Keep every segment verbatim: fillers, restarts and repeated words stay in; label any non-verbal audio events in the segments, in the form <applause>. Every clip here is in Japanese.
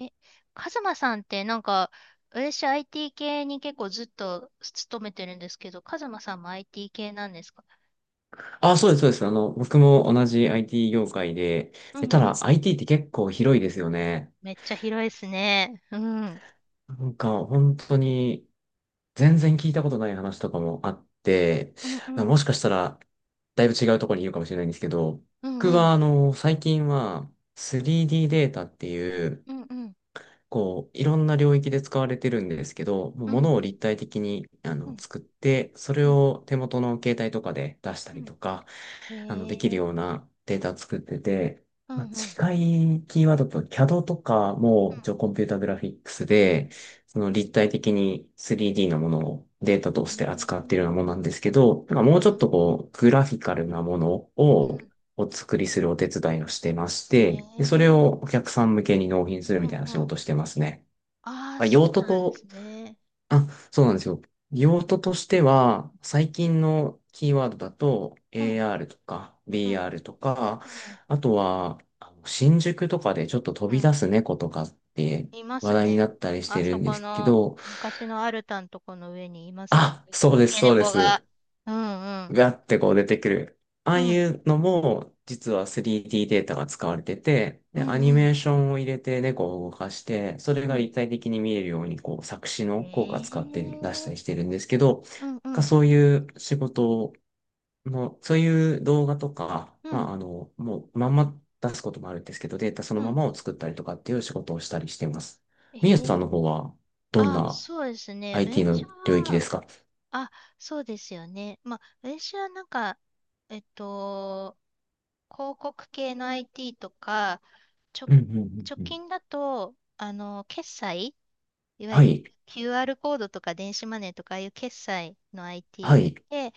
え、カズマさんってなんか、私 アイティー 系に結構ずっと勤めてるんですけど、カズマさんも アイティー 系なんですか？あ、そうです、そうです。あの、僕も同じ アイティー 業界で、うでんたうだ ん。アイティー って結構広いですよね。めっちゃ広いですね。うん。なんか本当に全然聞いたことない話とかもあって、うんうん。もしかしたらだいぶ違うところにいるかもしれないんですけど、うん僕うん。はあの、最近は スリーディー ディーデータっていう、うんうん。こう、いろんな領域で使われてるんですけど、もううん物をうん。立体的にあうのん作って、そうんれうん。を手元の携帯とかで出したりとか、うん。あの、へできるようえ。なデータ作ってて、うまんうあ、ん。うん近いキーワードと キャド とかも、一応コンピュータグラフィックスうんで、その立体的に スリーディー のものをデータとうん。へして扱っているようなもえ。のなんですけど、なんかうんもうちょうっんとこう、グラフィカルなものをお作りするお手伝いをしてましうん。へて、で、それをおえ。客さん向けに納品するうみたんいなう仕ん。事をしてますね。ああ、まあそ用う途なんでとすね。あ、そうなんですよ。用途としては、最近のキーワードだと、うん エーアール とか うんう b r とか、んあとは、あの新宿とかでちょっと飛うびん。出す猫とかっていま話す題になね。ったりしてあるそんでこすけのど、昔のアルタのとこの上にいますよね。あ、そう三です、毛そうで猫が。す。うんうん。ガッてこう出てくる。ああういん。うのも、実は スリーディー ディーデータが使われてて、うで、アニんうん。メーションを入れて猫を動かして、それうがん。立体的に見えるように、こう、作詞の効果使へって出したりしえ。てるんですけど、うんうがんそういう仕事の、そういう動画とか、うまんあ、あの、もう、まんま出すこともあるんですけど、データそのうまん。まを作ったりとかっていう仕事をしたりしてます。みゆえさんえ。の方は、どんあ、な そうですね。アイティー 私の領域では、すか？あ、そうですよね。まあ、私はなんか、えっと、広告系の アイティー とか、ちょ、うんうんうん直うん。近だと、あの、決済いわゆはる い、キューアール コードとか電子マネーとかああいう決済の アイティー はに行い。って、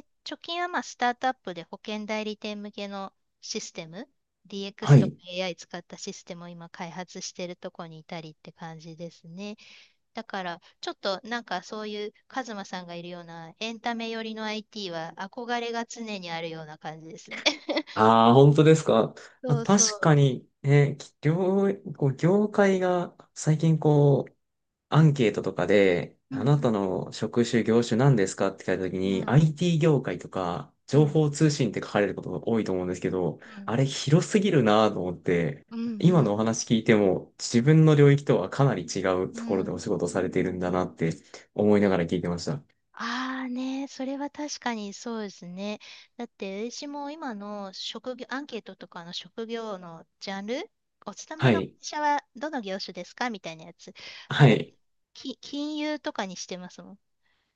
で、貯金はまあスタートアップで保険代理店向けのシステム、ディーエックス はとか い。エーアイ 使ったシステムを今開発してるとこにいたりって感じですね。だから、ちょっとなんかそういうカズマさんがいるようなエンタメ寄りの アイティー は憧れが常にあるような感じですね。<laughs> ああ、本当ですか？あ、そうそ確う。かに、ね、き業、こう業界が最近こう、アンケートとかで、うんあなうたん。の職種、業種何ですかって聞いたときうに、ん アイティー 業界とか、う情ん。報通信って書かれることが多いと思うんですけど、うあれ広すぎるなと思って、んうんう今のん。お話聞いても、自分の領域とはかなり違ううところでん。お仕事されているんだなって思いながら聞いてました。ああね、それは確かにそうですね。だって、私も今の職業、アンケートとかの職業のジャンル、お勤めはの会い。社はどの業種ですかみたいなやつ。あはれ、い。き、金融とかにしてますもん。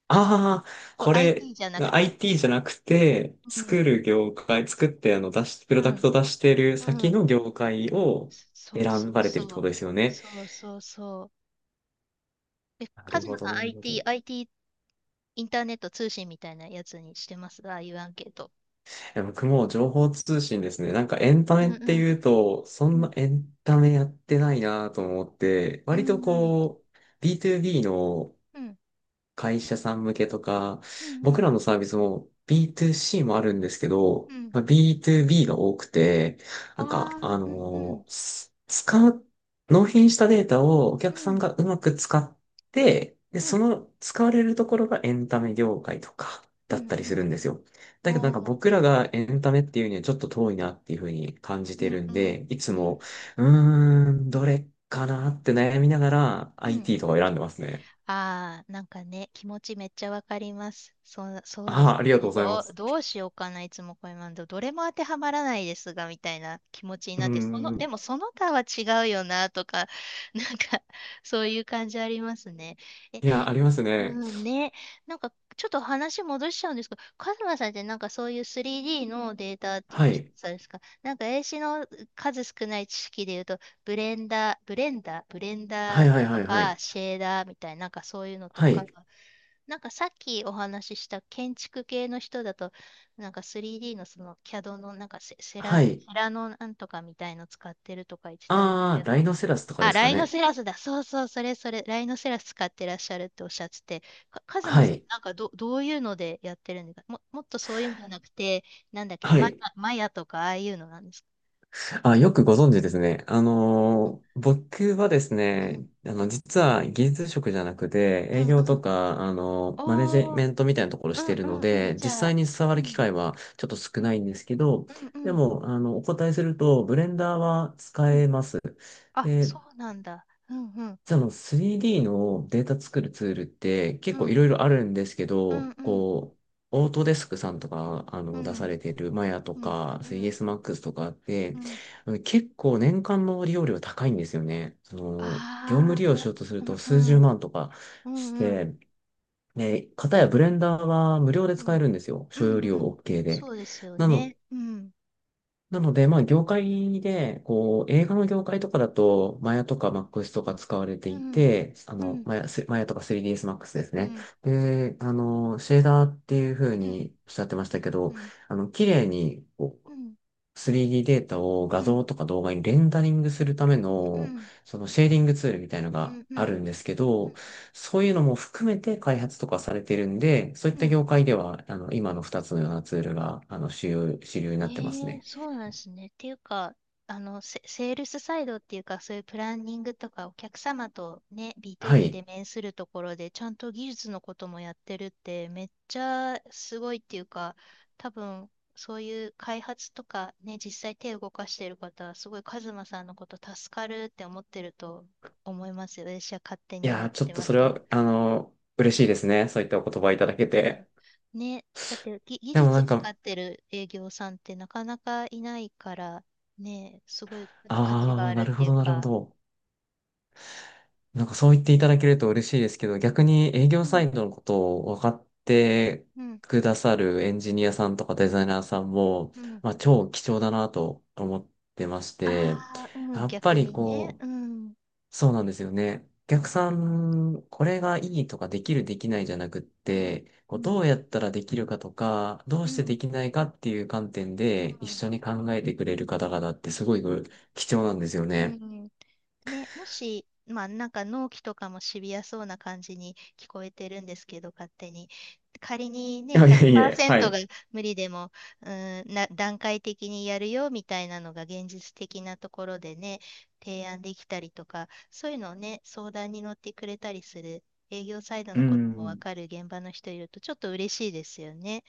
ああ、そう、これ、アイティー じゃなくて。アイティー じゃなくて、う作ん。る業界、作ってあの出し、プロうダクん。ト出してるう先ん。の業界をそう選そうばれてるってそこう。とですよね？そうそうそう。え、なカるズほマど、さん なるほど。アイティー、い アイティー、アイティーインターネット通信みたいなやつにしてます、ああいうアンケート。や僕も情報通信ですね。なんかエンタうメんってうん。いうと、そうんなん。エンタメやってないなと思って、う割とんうん。こう、ビートゥービー のうん会社さん向けとか、うんう僕ん。らのサービスも ビートゥーシー もあるんですけうど、ん。まあ、ビートゥービー が多くて、あなんか、あ、あうんうん、のーす使う、納品したデータをおう客さんん、がうまく使って、で、うそん、の使われるところがエンタメ業界とかうだっん、たりうすん、るんですよ。だけどなおんかー、僕らがエンタメっていうにはちょっと遠いなっていうふうに感じうてん、るうんん、で、いつうん、も、うーん、どれかなって悩みながら うん。アイティー とかを選んでますね。ああ、なんかね、気持ちめっちゃわかります。そう、そうであすあ、ありよがとうね。ございまどう、す。どうしようかな、いつもこれなんで、どれも当てはまらないですが、みたいな気持ちにうなって、その、でん。もその他は違うよな、とか、なんか、そういう感じありますね。え、いや、ありますね。うんね。なんか、ちょっと話戻しちゃうんですけど、カズマさんってなんかそういう スリーディー のデータってはおっしい。ゃるんですか？なんか、英詞の数少ない知識で言うと、ブレンダー、ブレンダー、ブレンはダーいはいとはいはか、い。シェーダーみたいな、なんかそういうのとはか、い。なんかさっきお話しした建築系の人だと、なんか スリーディー のその CAD のなんかセ、セはラ、い。セラのなんとかみたいの使ってるとか言ってたんですけああ、ラど、イノセラスとかであ、すかライノね？セラスだ。そうそう、それそれ、ライノセラス使ってらっしゃるっておっしゃってて、かカズマはさん、い。なんかど、どういうのでやってるんですか？も、もっとそういうんじゃなくて、なんだっけ、はマヤ、い。マヤとかああいうのなんですか？あ、よくご存知ですね。あうん、のー僕はですうん、ね、あの、実は技術職じゃなくて、う営ん、業うとん。か、あのーマネジおー、メントみたいなところうしていん、るのうん、うん。で、じ実ゃ際あ、に触うる機ん、会はちょっと少うなん、いんですけど、うん、うでん、も、あの、お答えすると、ブレンダーはう使ん。えます。あ、でそうなんだ。うん、うん、実はあの スリーディー のデータ作るツールって結う構ん、いろいろあるんですけうん、ど、うん、こう、オートデスクさんとか、あうの、出さん、れているマヤとうん、か、うん、スリーディーエスマックス とかっうて、ん。あの結構年間の利用料高いんですよね。その、業務あ利用しあ、ようとすうるとん、う数十ん、万とかうしん、うん、て、で、かたやブレンダーは無料でう使えん。るんですよ。う所要んう利用 ん。OK そで。うですよなのね。うん。なので、まあ、業界で、こう、映画の業界とかだと、マヤとかマックスとか使われてういん。て、あうの、ん。マヤ、スマヤとか スリーディーエス マックスですうね。ん。で、あの、シェーダーっていう風うん。におっしゃってましたけど、うん。あの、綺麗にこう うん。スリーディー ディーデータをうん。う画ん。像とか動画にレンダリングするための、そのシェーディングツールみたいのうん。がうん。うあん。るんですけうど、ん。そういうのも含めて開発とかされてるんで、そういっうたん。業界では、あの、今のふたつのようなツールが、あの、主流、主流になってますええ、ね。そうなんですね。っていうか、あの、セ、セールスサイドっていうか、そういうプランニングとか、お客様とね、b o は b でい。面するところで、ちゃんと技術のこともやってるって、めっちゃすごいっていうか、多分、そういう開発とかね、実際手を動かしてる方は、すごいカズマさんのこと助かるって思ってると思いますよ。私は勝手いに今や言っー、ちょってとまそすれけど。は、あの嬉しいですね。そういったお言葉いただけうんて。ね、だってぎ技でも術なんがかか、ってる営業さんってなかなかいないから、ね、すごい価値がああ、あるなっるてほいうど、なるほか、ど。なんかそう言っていただけると嬉しいですけど、逆に営業うサん、イドのことを分かってうん、くださるエンジニアさんとかデザイナーさんも、うん。まあ、超貴重だなと思ってまして、ああ、うやん、っぱ逆りにね、こう、うん、そうなんですよね。お客さん、これがいいとかできるできないじゃなくって、うこうどん、うやったらできるかとか、どううしてん、できないかっていう観点うで一ん、緒に考えてくれる方々ってすごい貴重なんですようん、うね。ん。ね、もし、まあ、なんか納期とかもシビアそうな感じに聞こえてるんですけど、勝手に。仮に <laughs> いね、やいやいや、はひゃくパーセントがい。無理でも、うーん、な、段階的にやるよみたいなのが現実的なところでね、提案できたりとか、そういうのをね、相談に乗ってくれたりする、営業サイドうのこともわん、かる現場の人いると、ちょっと嬉しいですよね。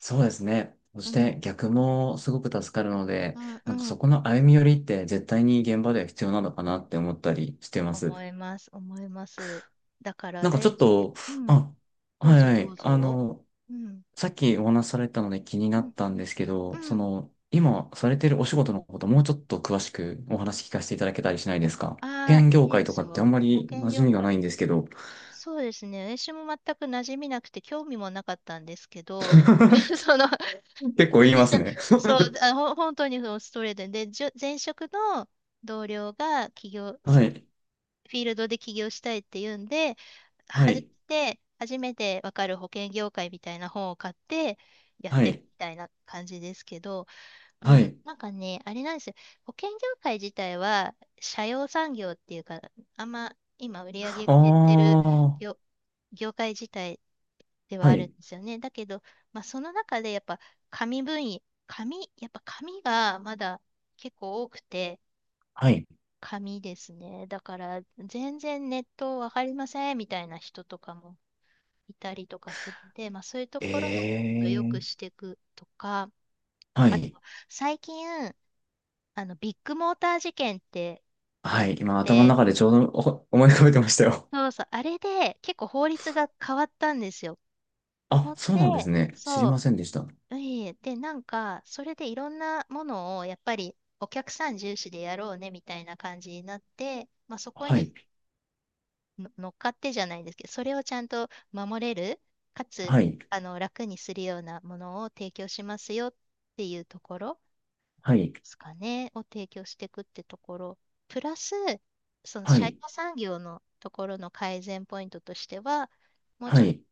そうですね。そうしてん、逆もすごく助かるので、うん、なんかうそん、この歩み寄りって絶対に現場では必要なのかなって思ったりしてま思す。います、思います。だから、なんかちえょー、っじと、うん。あ、どはういぞはどい、うあぞ。の、うん。さっきお話しされたので気になうん。ったんですけど、うそん。の、今されてるお仕事のこと、もうちょっと詳しくお話聞かせていただけたりしないですか？保ああ、険業いい界でとかすってあよ。んま保り険馴染業みがな界。いんですけど、そうですね。私も全く馴染みなくて興味もなかったんですけど、<laughs> <laughs> その、結構言い前ます職、ね。そう、あ、ほ本当にそのストレートで、で、じょ前職の同僚が起業、<laughs> そはこ、い、フィールドで起業したいって言うんで、は初めい、て、初めてわかる保険業界みたいな本を買ってやっはてるい、みたいな感じですけど、うはん、い。なんかね、あれなんですよ。保険業界自体は、社用産業っていうか、あんま今売り上げあ減ってるあ、業、業界自体でははあるんい、ですよね。だけど、まあ、その中でやっぱ紙分野、紙、やっぱ紙がまだ結構多くて、はい。紙ですね。だから、全然ネットわかりませんみたいな人とかもいたりとかするんで、まあ、そういうところをもっえと良くえ、していくとか、はあと、い、最近、あの、ビッグモーター事件ってあはっい。今頭のて、中でちょうどお思い浮かべてましたよ。そうそう、あれで結構法律が変わったんですよ。<laughs> あ、ほんそうなで、んですね。知りそませんでした。う、いえいえで、なんか、それでいろんなものをやっぱりお客さん重視でやろうねみたいな感じになって、まあ、そこはにい、の乗っかってじゃないんですけど、それをちゃんと守れる、かつ、はい、あの、楽にするようなものを提供しますよっていうところはい、ですかね、を提供していくってところ、プラス、そのは社員い、産業のところの改善ポイントとしては、もうはちょっとい。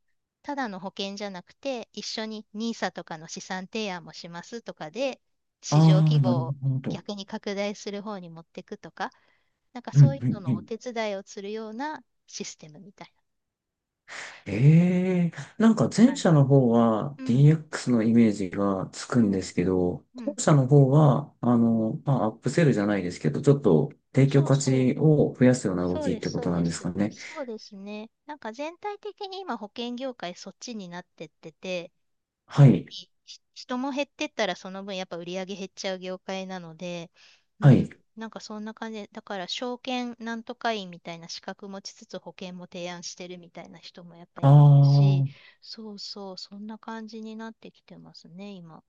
ただの保険じゃなくて、一緒にニーサとかの資産提案もしますとかで、あ市場あ、規模なるをほど。逆に拡大する方に持っていくとか、なんかうん、そういううのん、うのおん。手伝いをするようなシステムみたいなええ、なんか前感者じ。の方は うん、ディーエックス のイメージがつくうんでん、すけど、う後ん。者の方は、あの、まあ、アップセルじゃないですけど、ちょっと提供そう価そう。値を増やすような動そうきっでてす、こそとうなんでですす。かね？そうですね。なんか全体的に今保険業界そっちになってってて、はやっぱい、りひ人も減ってったらその分やっぱ売り上げ減っちゃう業界なので、うはい。ん、なんかそんな感じで、だから証券なんとか員みたいな資格持ちつつ保険も提案してるみたいな人もやっぱありいますし、あ、そうそう、そんな感じになってきてますね、今。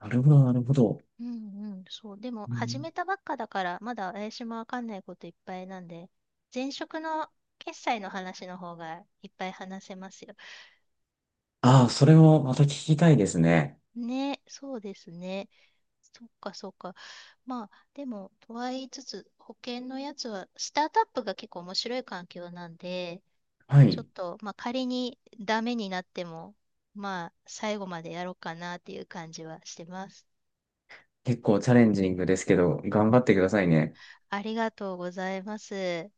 なるほど、なるほど。うんうん、そう。でも、う始ん、めたばっかだから、まだ私もわかんないこといっぱいなんで、前職の決済の話の方がいっぱい話せますよ。ああ、それをまた聞きたいですね。ね、そうですね。そっかそっか。まあ、でも、とは言いつつ、保険のやつは、スタートアップが結構面白い環境なんで、はちょっい。と、まあ、仮にダメになっても、まあ、最後までやろうかなっていう感じはしてます。結構チャレンジングですけど、頑張ってくださいね。ありがとうございます。